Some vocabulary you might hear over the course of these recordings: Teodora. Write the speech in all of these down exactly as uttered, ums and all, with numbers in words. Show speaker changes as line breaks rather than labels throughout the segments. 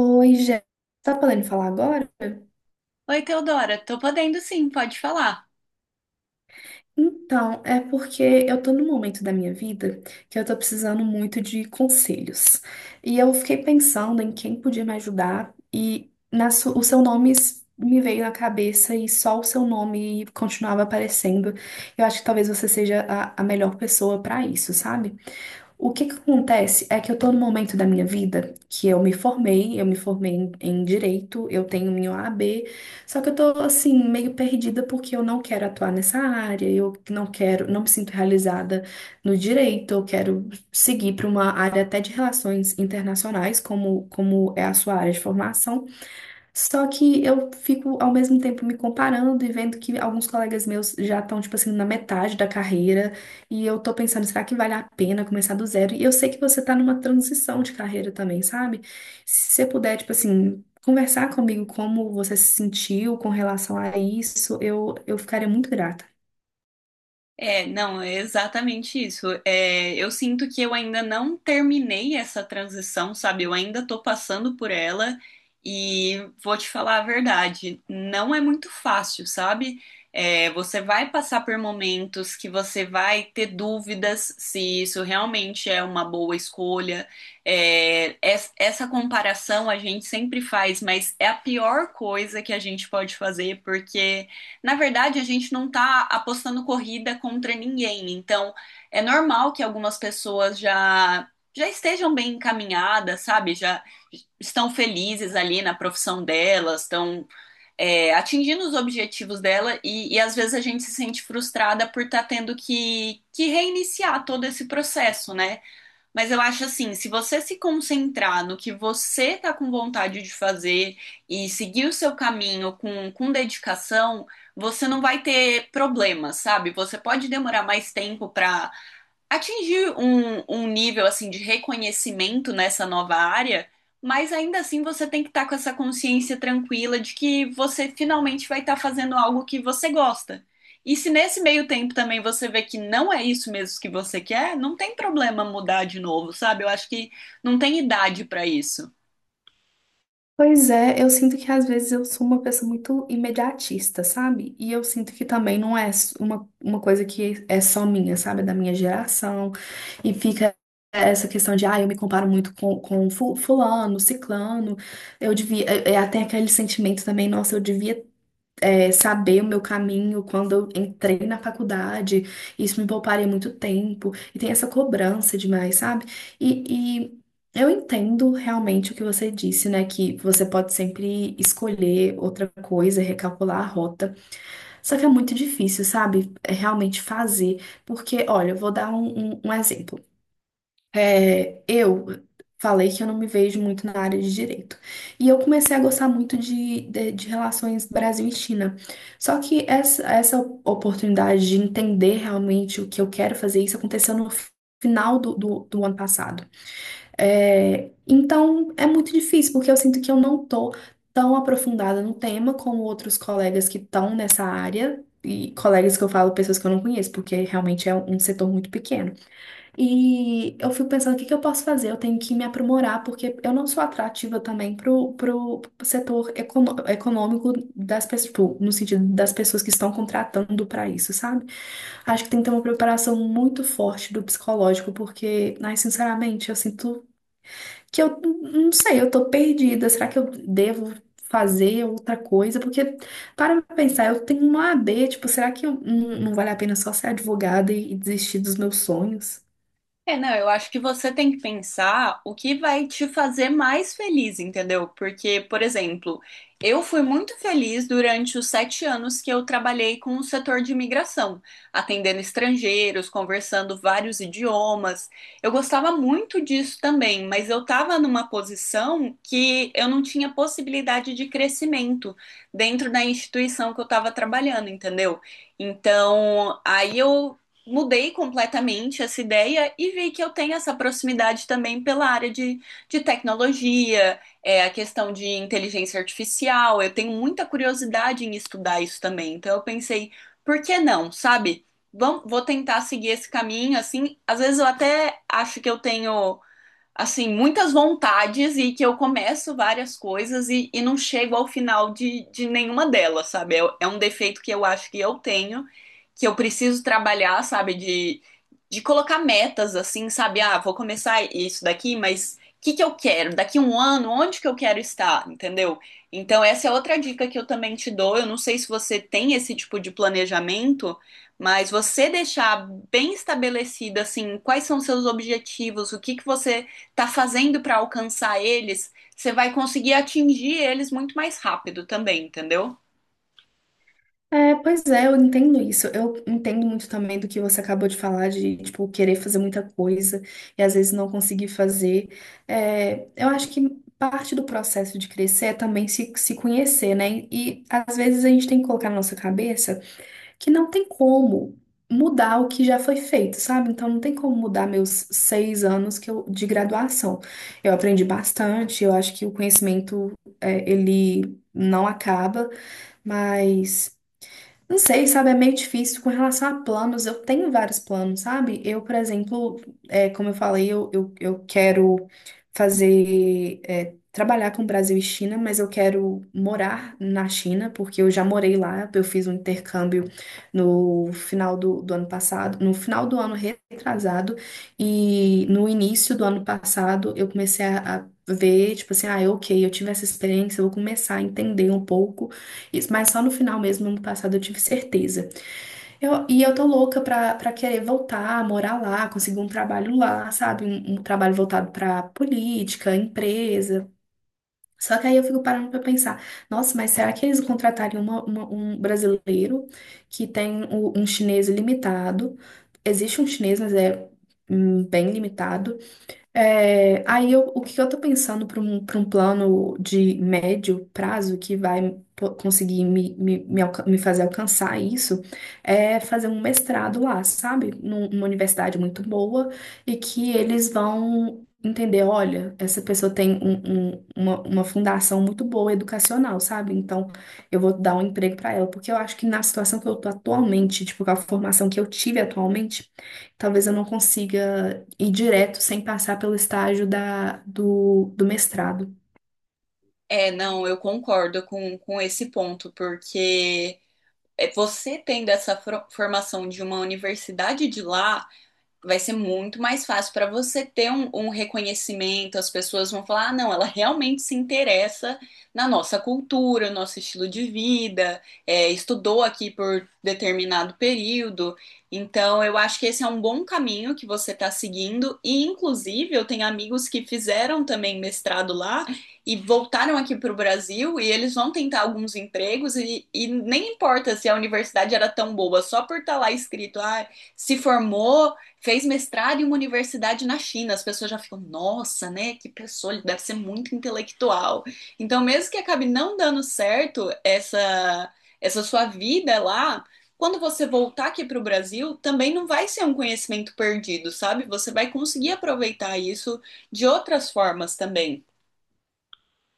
Oi, Jé. Tá podendo falar agora?
Oi, Teodora, tô podendo sim, pode falar.
Então, é porque eu tô num momento da minha vida que eu tô precisando muito de conselhos. E eu fiquei pensando em quem podia me ajudar e na su- o seu nome s- me veio na cabeça e só o seu nome continuava aparecendo. Eu acho que talvez você seja a, a melhor pessoa pra isso, sabe? O que que acontece é que eu tô no momento da minha vida que eu me formei, eu me formei em, em direito, eu tenho minha O A B, só que eu tô assim meio perdida porque eu não quero atuar nessa área, eu não quero, não me sinto realizada no direito, eu quero seguir para uma área até de relações internacionais, como como é a sua área de formação. Só que eu fico ao mesmo tempo me comparando e vendo que alguns colegas meus já estão, tipo assim, na metade da carreira. E eu tô pensando, será que vale a pena começar do zero? E eu sei que você tá numa transição de carreira também, sabe? Se você puder, tipo assim, conversar comigo como você se sentiu com relação a isso, eu, eu ficaria muito grata.
É, não, é exatamente isso. É, eu sinto que eu ainda não terminei essa transição, sabe? Eu ainda tô passando por ela e vou te falar a verdade, não é muito fácil, sabe? É, você vai passar por momentos que você vai ter dúvidas se isso realmente é uma boa escolha. É, es- essa comparação a gente sempre faz, mas é a pior coisa que a gente pode fazer porque, na verdade, a gente não está apostando corrida contra ninguém, então é normal que algumas pessoas já já estejam bem encaminhadas, sabe? Já estão felizes ali na profissão delas, estão é, atingindo os objetivos dela e, e às vezes a gente se sente frustrada por estar tá tendo que, que reiniciar todo esse processo, né? Mas eu acho assim, se você se concentrar no que você tá com vontade de fazer e seguir o seu caminho com, com dedicação, você não vai ter problemas, sabe? Você pode demorar mais tempo pra atingir um, um nível assim de reconhecimento nessa nova área, mas ainda assim você tem que estar com essa consciência tranquila de que você finalmente vai estar fazendo algo que você gosta. E se nesse meio tempo também você vê que não é isso mesmo que você quer, não tem problema mudar de novo, sabe? Eu acho que não tem idade para isso.
Pois é, eu sinto que às vezes eu sou uma pessoa muito imediatista, sabe? E eu sinto que também não é s- uma, uma coisa que é só minha, sabe? É da minha geração. E fica essa questão de, ah, eu me comparo muito com, com fu- fulano, ciclano. Eu devia. É, é até aquele sentimento também, nossa, eu devia é, saber o meu caminho quando eu entrei na faculdade. Isso me pouparia muito tempo. E tem essa cobrança demais, sabe? E, e eu entendo realmente o que você disse, né? Que você pode sempre escolher outra coisa, recalcular a rota. Só que é muito difícil, sabe? É realmente fazer. Porque, olha, eu vou dar um, um um exemplo. É, Eu falei que eu não me vejo muito na área de direito. E eu comecei a gostar muito de, de, de relações Brasil e China. Só que essa, essa oportunidade de entender realmente o que eu quero fazer, isso aconteceu no final do, do, do ano passado. É, então, é muito difícil, porque eu sinto que eu não tô tão aprofundada no tema como outros colegas que estão nessa área. E colegas que eu falo, pessoas que eu não conheço, porque realmente é um setor muito pequeno. E eu fico pensando, o que que eu posso fazer? Eu tenho que me aprimorar, porque eu não sou atrativa também pro, pro setor econo- econômico das pessoas, tipo, no sentido das pessoas que estão contratando para isso, sabe? Acho que tem que ter uma preparação muito forte do psicológico, porque, ai, sinceramente, eu sinto que eu n- não sei, eu tô perdida. Será que eu devo fazer outra coisa? Porque, para pra pensar, eu tenho uma A B, tipo, será que eu, não, não vale a pena só ser advogada e, e desistir dos meus sonhos?
É, não, eu acho que você tem que pensar o que vai te fazer mais feliz, entendeu? Porque, por exemplo, eu fui muito feliz durante os sete anos que eu trabalhei com o setor de imigração, atendendo estrangeiros, conversando vários idiomas. Eu gostava muito disso também, mas eu estava numa posição que eu não tinha possibilidade de crescimento dentro da instituição que eu estava trabalhando, entendeu? Então, aí eu mudei completamente essa ideia e vi que eu tenho essa proximidade também pela área de, de tecnologia, é, a questão de inteligência artificial. Eu tenho muita curiosidade em estudar isso também. Então eu pensei, por que não, sabe? Vam- vou tentar seguir esse caminho, assim. Às vezes eu até acho que eu tenho assim, muitas vontades e que eu começo várias coisas e, e não chego ao final de, de nenhuma delas, sabe? É, é um defeito que eu acho que eu tenho, que eu preciso trabalhar, sabe? De, de colocar metas, assim, sabe? Ah, vou começar isso daqui, mas o que que eu quero? Daqui um ano, onde que eu quero estar, entendeu? Então, essa é outra dica que eu também te dou. Eu não sei se você tem esse tipo de planejamento, mas você deixar bem estabelecido assim, quais são seus objetivos, o que que você tá fazendo para alcançar eles, você vai conseguir atingir eles muito mais rápido também, entendeu?
É, pois é, eu entendo isso. Eu entendo muito também do que você acabou de falar, de, tipo, querer fazer muita coisa e às vezes não conseguir fazer. É, eu acho que parte do processo de crescer é também se, se conhecer, né? E às vezes a gente tem que colocar na nossa cabeça que não tem como mudar o que já foi feito, sabe? Então não tem como mudar meus seis anos que eu, de graduação. Eu aprendi bastante, eu acho que o conhecimento, é, ele não acaba, mas. Não sei, sabe, é meio difícil com relação a planos. Eu tenho vários planos, sabe? Eu, por exemplo, é, como eu falei, eu, eu, eu quero fazer, é, trabalhar com Brasil e China, mas eu quero morar na China, porque eu já morei lá. Eu fiz um intercâmbio no final do, do ano passado, no final do ano retrasado, e no início do ano passado eu comecei a, a ver, tipo assim, ah, é ok, eu tive essa experiência, eu vou começar a entender um pouco. Isso, mas só no final mesmo, ano passado, eu tive certeza. Eu, e eu tô louca pra, pra querer voltar, morar lá, conseguir um trabalho lá, sabe? Um, um trabalho voltado pra política, empresa. Só que aí eu fico parando pra pensar, nossa, mas será que eles contratariam uma- uma- um brasileiro que tem o- um chinês limitado? Existe um chinês, mas é hum, bem limitado. É, aí eu, o que eu tô pensando para um, para um plano de médio prazo que vai po- conseguir me, me, me, alca- me fazer alcançar isso é fazer um mestrado lá, sabe? Num- Numa universidade muito boa e que eles vão entender, olha, essa pessoa tem um- um- uma, uma fundação muito boa educacional, sabe? Então eu vou dar um emprego para ela, porque eu acho que na situação que eu tô atualmente, tipo, com a formação que eu tive atualmente, talvez eu não consiga ir direto sem passar pelo estágio da, do, do mestrado.
É, não, eu concordo com, com esse ponto, porque é, você tendo essa fro- formação de uma universidade de lá, vai ser muito mais fácil para você ter um, um reconhecimento. As pessoas vão falar: ah, não, ela realmente se interessa na nossa cultura, no nosso estilo de vida, é, estudou aqui por determinado período. Então, eu acho que esse é um bom caminho que você está seguindo. E, inclusive, eu tenho amigos que fizeram também mestrado lá e voltaram aqui para o Brasil e eles vão tentar alguns empregos e, e nem importa se a universidade era tão boa, só por estar lá escrito, ah, se formou fez mestrado em uma universidade na China. As pessoas já ficam, nossa, né? Que pessoa, ele deve ser muito intelectual. Então, mesmo que acabe não dando certo essa, essa sua vida lá, quando você voltar aqui para o Brasil, também não vai ser um conhecimento perdido, sabe? Você vai conseguir aproveitar isso de outras formas também.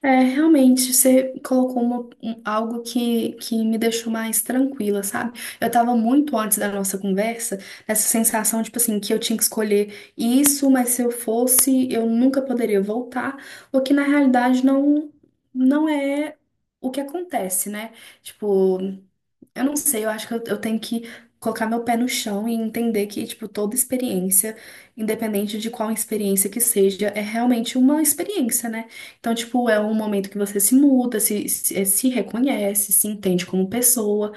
É, realmente, você colocou uma- um- algo que, que me deixou mais tranquila, sabe? Eu tava muito antes da nossa conversa, nessa sensação, tipo assim, que eu tinha que escolher isso, mas se eu fosse, eu nunca poderia voltar, o que na realidade não, não é o que acontece, né? Tipo, eu não sei, eu acho que eu, eu tenho que colocar meu pé no chão e entender que, tipo, toda experiência, independente de qual experiência que seja, é realmente uma experiência, né? Então, tipo, é um momento que você se muda, se, se, se reconhece, se entende como pessoa.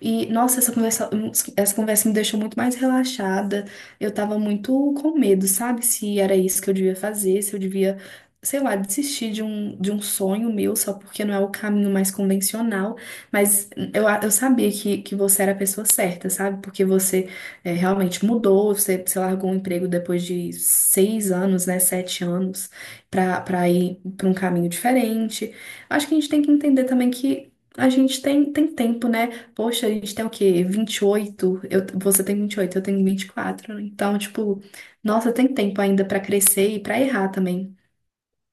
E, nossa, essa conversa, essa conversa me deixou muito mais relaxada. Eu tava muito com medo, sabe? Se era isso que eu devia fazer, se eu devia, sei lá, desistir de um, de um sonho meu só porque não é o caminho mais convencional. Mas eu, a- eu sabia que, que você era a pessoa certa, sabe? Porque você é, realmente mudou, você, você largou um emprego depois de seis anos, né? Sete anos, pra, pra ir pra um caminho diferente. Acho que a gente tem que entender também que. A gente tem, tem tempo, né? Poxa, a gente tem o quê? Vinte e oito. Eu, você tem vinte e oito, eu tenho vinte e quatro, né? Então, tipo, nossa, tem tempo ainda pra crescer e pra errar também.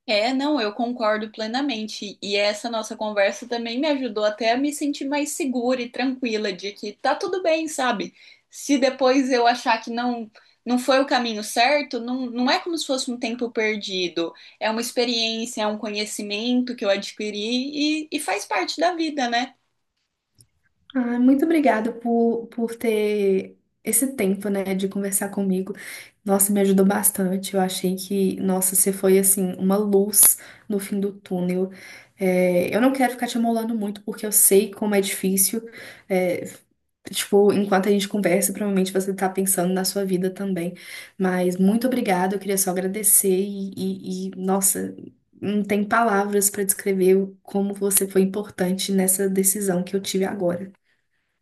É, não, eu concordo plenamente. E essa nossa conversa também me ajudou até a me sentir mais segura e tranquila de que tá tudo bem, sabe? Se depois eu achar que não não foi o caminho certo, não, não é como se fosse um tempo perdido. É uma experiência, é um conhecimento que eu adquiri e, e faz parte da vida, né?
Ah, muito obrigada por, por ter esse tempo, né, de conversar comigo. Nossa, me ajudou bastante. Eu achei que, nossa, você foi, assim, uma luz no fim do túnel. É, eu não quero ficar te amolando muito, porque eu sei como é difícil. É, tipo, enquanto a gente conversa, provavelmente você tá pensando na sua vida também. Mas muito obrigada, eu queria só agradecer e, e, e, nossa, não tem palavras para descrever o- como você foi importante nessa decisão que eu tive agora.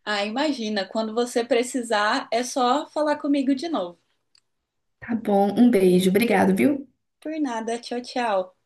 Ah, imagina, quando você precisar, é só falar comigo de novo.
Tá bom, um beijo. Obrigado, viu?
Por nada, tchau, tchau.